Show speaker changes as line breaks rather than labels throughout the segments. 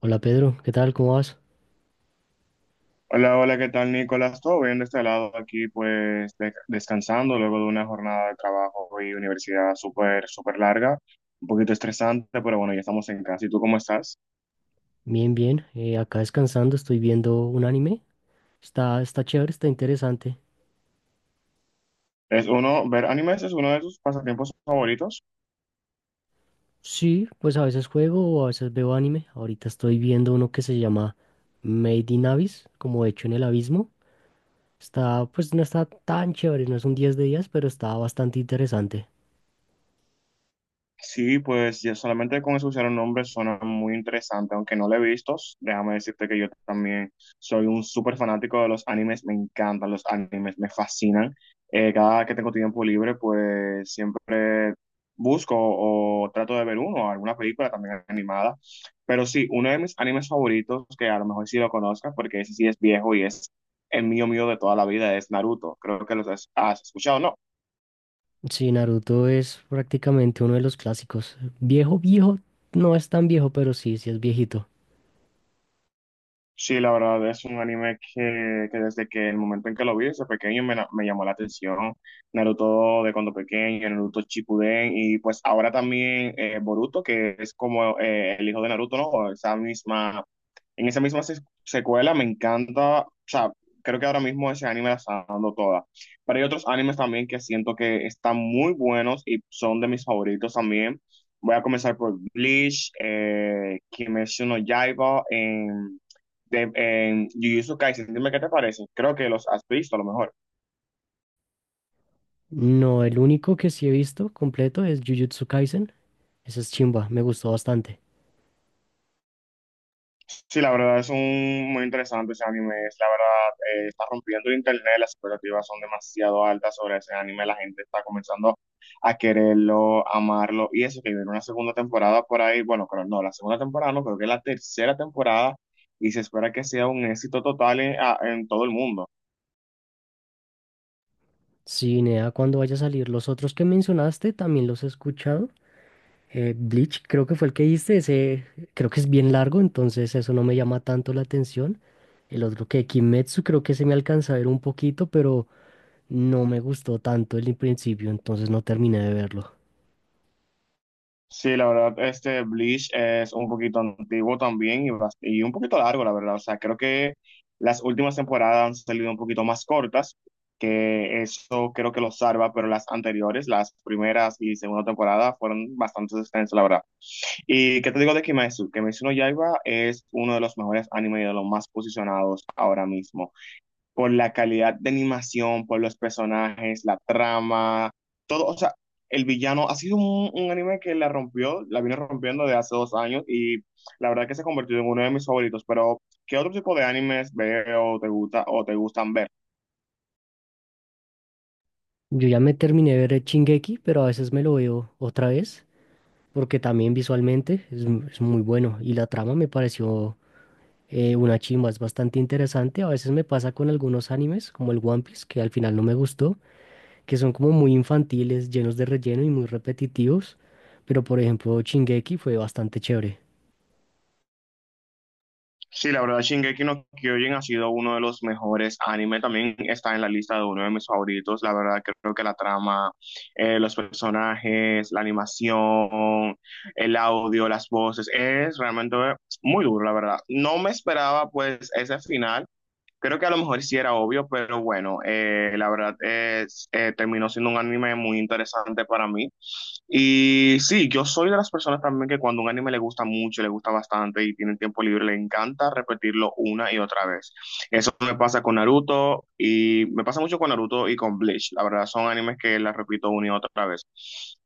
Hola Pedro, ¿qué tal? ¿Cómo vas?
Hola, hola, ¿qué tal, Nicolás? Todo bien de este lado aquí, pues descansando luego de una jornada de trabajo y universidad súper, súper larga, un poquito estresante, pero bueno, ya estamos en casa. ¿Y tú cómo estás?
Bien, bien. Acá descansando, estoy viendo un anime. Está chévere, está interesante.
¿Es uno, ver animes es uno de tus pasatiempos favoritos?
Sí, pues a veces juego o a veces veo anime. Ahorita estoy viendo uno que se llama Made in Abyss, como hecho en el abismo. Está, pues no está tan chévere, no es un 10 de 10, pero está bastante interesante.
Sí, pues ya solamente con escuchar un nombre suena muy interesante, aunque no lo he visto. Déjame decirte que yo también soy un súper fanático de los animes, me encantan los animes, me fascinan. Cada que tengo tiempo libre, pues siempre busco o trato de ver uno, alguna película también animada. Pero sí, uno de mis animes favoritos, que a lo mejor sí lo conozcas, porque ese sí es viejo y es el mío mío de toda la vida, es Naruto. Creo que los has escuchado, ¿no?
Sí, Naruto es prácticamente uno de los clásicos. Viejo, viejo, no es tan viejo, pero sí, sí es viejito.
Sí, la verdad es un anime que desde que el momento en que lo vi desde pequeño me, me llamó la atención. Naruto de cuando pequeño, Naruto Shippuden y pues ahora también Boruto, que es como el hijo de Naruto, ¿no? Esa misma, en esa misma secuela me encanta, o sea, creo que ahora mismo ese anime la está dando toda. Pero hay otros animes también que siento que están muy buenos y son de mis favoritos también. Voy a comenzar por Bleach, Kimetsu no Yaiba de, en Jujutsu Kaisen, dime qué te parece. Creo que los has visto a lo mejor.
No, el único que sí he visto completo es Jujutsu Kaisen. Esa es chimba, me gustó bastante.
Sí, la verdad es un muy interesante ese anime. Es, la verdad, está rompiendo el internet. Las expectativas son demasiado altas sobre ese anime. La gente está comenzando a quererlo, amarlo. Y eso que viene una segunda temporada por ahí. Bueno, creo no, la segunda temporada no, creo que es la tercera temporada. Y se espera que sea un éxito total en, en todo el mundo.
Sí, Nea, cuando vaya a salir, los otros que mencionaste también los he escuchado. Bleach, creo que fue el que hice, ese creo que es bien largo, entonces eso no me llama tanto la atención. El otro que Kimetsu, creo que se me alcanza a ver un poquito, pero no me gustó tanto el principio, entonces no terminé de verlo.
Sí, la verdad, este Bleach es un poquito antiguo también y, y un poquito largo, la verdad. O sea, creo que las últimas temporadas han salido un poquito más cortas, que eso creo que lo salva, pero las anteriores, las primeras y segunda temporada, fueron bastante extensas, la verdad. ¿Y qué te digo de Kimetsu? Kimetsu no Yaiba es uno de los mejores animes y de los más posicionados ahora mismo por la calidad de animación, por los personajes, la trama, todo, o sea, el villano ha sido un anime que la rompió, la vino rompiendo de hace dos años y la verdad que se ha convertido en uno de mis favoritos, pero ¿qué otro tipo de animes veo, o te gusta o te gustan ver?
Yo ya me terminé de ver el Shingeki, pero a veces me lo veo otra vez, porque también visualmente es muy bueno y la trama me pareció una chimba, es bastante interesante. A veces me pasa con algunos animes, como el One Piece, que al final no me gustó, que son como muy infantiles, llenos de relleno y muy repetitivos. Pero por ejemplo, Shingeki fue bastante chévere.
Sí, la verdad, Shingeki no Kyojin ha sido uno de los mejores anime. También está en la lista de uno de mis favoritos. La verdad, creo que la trama, los personajes, la animación, el audio, las voces, es realmente muy duro, la verdad. No me esperaba, pues, ese final. Creo que a lo mejor sí era obvio, pero bueno, la verdad es, terminó siendo un anime muy interesante para mí. Y sí, yo soy de las personas también que cuando un anime le gusta mucho, le gusta bastante y tiene tiempo libre, le encanta repetirlo una y otra vez. Eso me pasa con Naruto y me pasa mucho con Naruto y con Bleach. La verdad, son animes que las repito una y otra vez.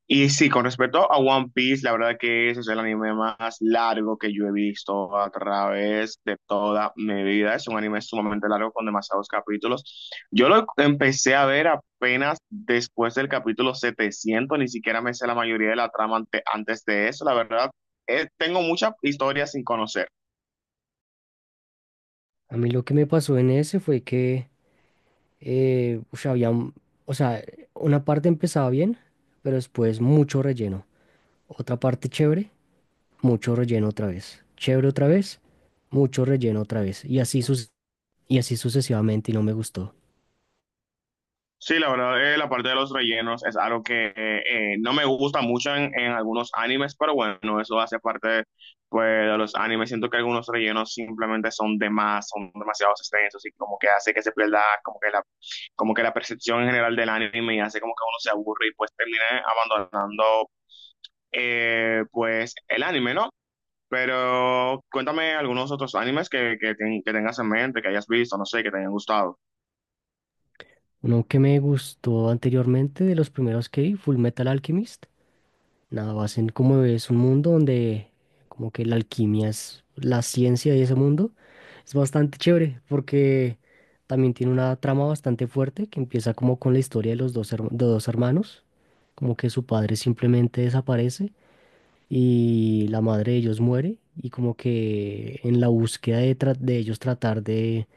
Y sí, con respecto a One Piece, la verdad que ese es el anime más largo que yo he visto a través de toda mi vida. Es un anime sumamente largo con demasiados capítulos. Yo lo empecé a ver apenas después del capítulo setecientos. Ni siquiera me sé la mayoría de la trama antes de eso, la verdad, tengo muchas historias sin conocer.
A mí lo que me pasó en ese fue que, había, o sea, una parte empezaba bien, pero después mucho relleno. Otra parte chévere, mucho relleno otra vez. Chévere otra vez, mucho relleno otra vez. Y así sucesivamente y no me gustó.
Sí, la verdad, la parte de los rellenos es algo que no me gusta mucho en algunos animes, pero bueno, eso hace parte de, pues, de los animes. Siento que algunos rellenos simplemente son de más, son demasiado extensos y como que hace que se pierda como que la percepción en general del anime y hace como que uno se aburre y pues termina abandonando pues el anime, ¿no? Pero cuéntame algunos otros animes que tengas en mente, que hayas visto, no sé, que te hayan gustado.
Uno que me gustó anteriormente, de los primeros que vi, Full Metal Alchemist. Nada más en como es un mundo donde como que la alquimia es la ciencia de ese mundo. Es bastante chévere porque también tiene una trama bastante fuerte que empieza como con la historia de los dos, de dos hermanos, como que su padre simplemente desaparece y la madre de ellos muere y como que en la búsqueda de, de ellos tratar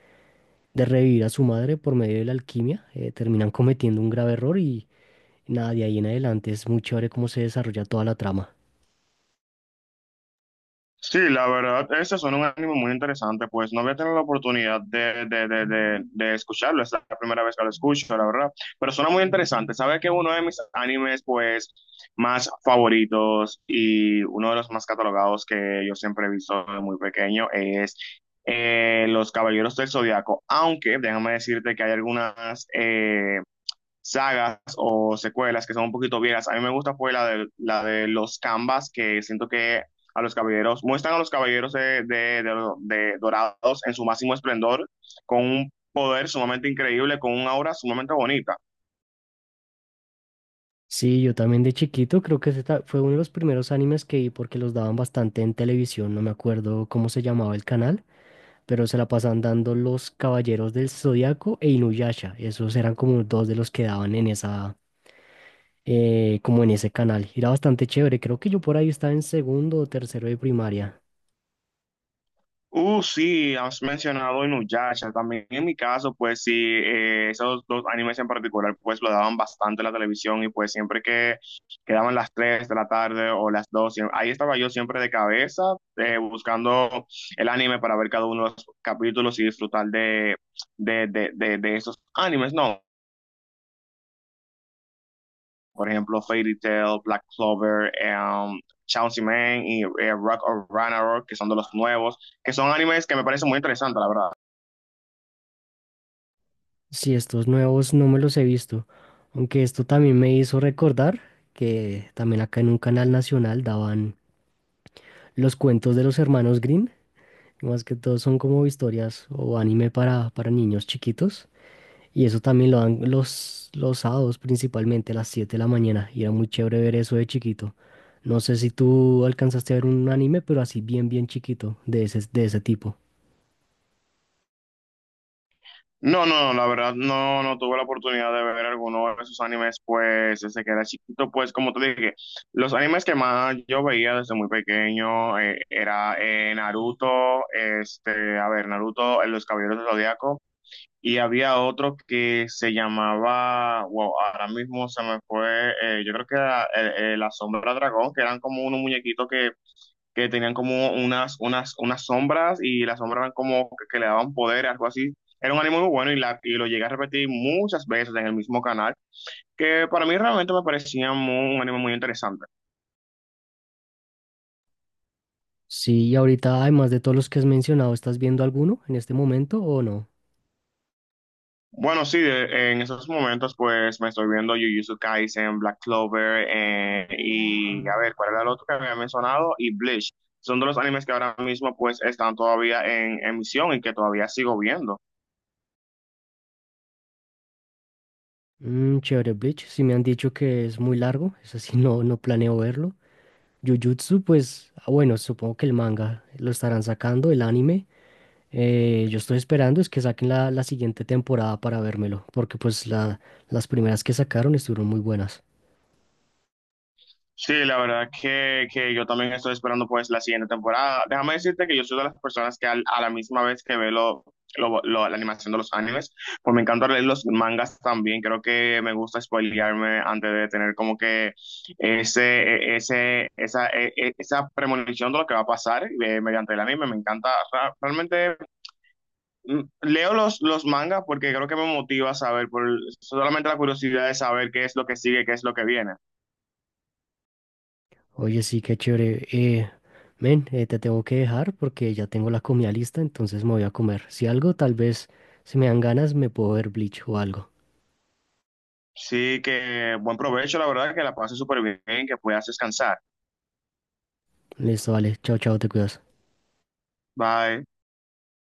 de revivir a su madre por medio de la alquimia, terminan cometiendo un grave error. Nada, de ahí en adelante es muy chévere cómo se desarrolla toda la trama.
Sí, la verdad, este suena un anime muy interesante, pues no había tenido la oportunidad de escucharlo, es la primera vez que lo escucho, la verdad, pero suena muy interesante. Sabe que uno de mis animes, pues, más favoritos y uno de los más catalogados que yo siempre he visto de muy pequeño es Los Caballeros del Zodiaco, aunque déjame decirte que hay algunas, sagas o secuelas que son un poquito viejas. A mí me gusta pues la de los Canvas, que siento que a los caballeros, muestran a los caballeros de, de dorados en su máximo esplendor, con un poder sumamente increíble, con una aura sumamente bonita.
Sí, yo también de chiquito creo que fue uno de los primeros animes que vi porque los daban bastante en televisión, no me acuerdo cómo se llamaba el canal, pero se la pasaban dando Los Caballeros del Zodiaco e Inuyasha. Esos eran como dos de los que daban en esa, como en ese canal. Era bastante chévere, creo que yo por ahí estaba en segundo o tercero de primaria.
Sí, has mencionado Inuyasha. También en mi caso, pues sí, esos dos animes en particular, pues lo daban bastante en la televisión y pues siempre que quedaban las 3 de la tarde o las 2 ahí estaba yo siempre de cabeza buscando el anime para ver cada uno de los capítulos y disfrutar de esos animes, ¿no? Por ejemplo, Fairy Tail, Black Clover, um, Chainsaw Man y Rock of Ragnarok, que son de los nuevos, que son animes que me parecen muy interesantes, la verdad.
Sí, estos nuevos no me los he visto, aunque esto también me hizo recordar que también acá en un canal nacional daban los cuentos de los hermanos Green, más que todo son como historias o anime para niños chiquitos, y eso también lo dan los sábados principalmente a las 7 de la mañana, y era muy chévere ver eso de chiquito. No sé si tú alcanzaste a ver un anime, pero así bien, bien chiquito, de ese tipo.
No, no, la verdad no, no tuve la oportunidad de ver alguno de esos animes, pues desde que era chiquito, pues como te dije, los animes que más yo veía desde muy pequeño era Naruto, este, a ver, Naruto, Los Caballeros del Zodiaco, y había otro que se llamaba, wow, ahora mismo se me fue, yo creo que era La Sombra Dragón, que eran como unos muñequitos que tenían como unas, unas, unas sombras y las sombras eran como que le daban poder, algo así. Era un anime muy bueno y, la, y lo llegué a repetir muchas veces en el mismo canal, que para mí realmente me parecía un anime muy interesante.
Sí, y ahorita, además de todos los que has mencionado, ¿estás viendo alguno en este momento o no?
Bueno, sí, en esos momentos pues me estoy viendo Jujutsu Kaisen, Black Clover, y a ver, ¿cuál era el otro que había mencionado? Y Bleach. Son de los animes que ahora mismo pues están todavía en emisión y que todavía sigo viendo.
Mm, chévere, Bleach. Si me han dicho que es muy largo, es así, no, no planeo verlo. Jujutsu, pues, ah, bueno, supongo que el manga lo estarán sacando, el anime. Yo estoy esperando es que saquen la siguiente temporada para vérmelo, porque pues la, las primeras que sacaron estuvieron muy buenas.
Sí, la verdad que yo también estoy esperando pues la siguiente temporada. Déjame decirte que yo soy de las personas que a la misma vez que veo lo, la animación de los animes, pues me encanta leer los mangas también. Creo que me gusta spoilearme antes de tener como que ese, ese, esa, esa premonición de lo que va a pasar mediante el anime. Me encanta, realmente leo los mangas porque creo que me motiva a saber, por solamente la curiosidad de saber qué es lo que sigue, qué es lo que viene.
Oye, sí, qué chévere. Men, te tengo que dejar porque ya tengo la comida lista, entonces me voy a comer. Si algo, tal vez, si me dan ganas, me puedo ver Bleach o algo.
Sí, que buen provecho, la verdad, que la pases súper bien, que puedas descansar.
Listo, vale. Chao, chao, te cuidas.
Bye.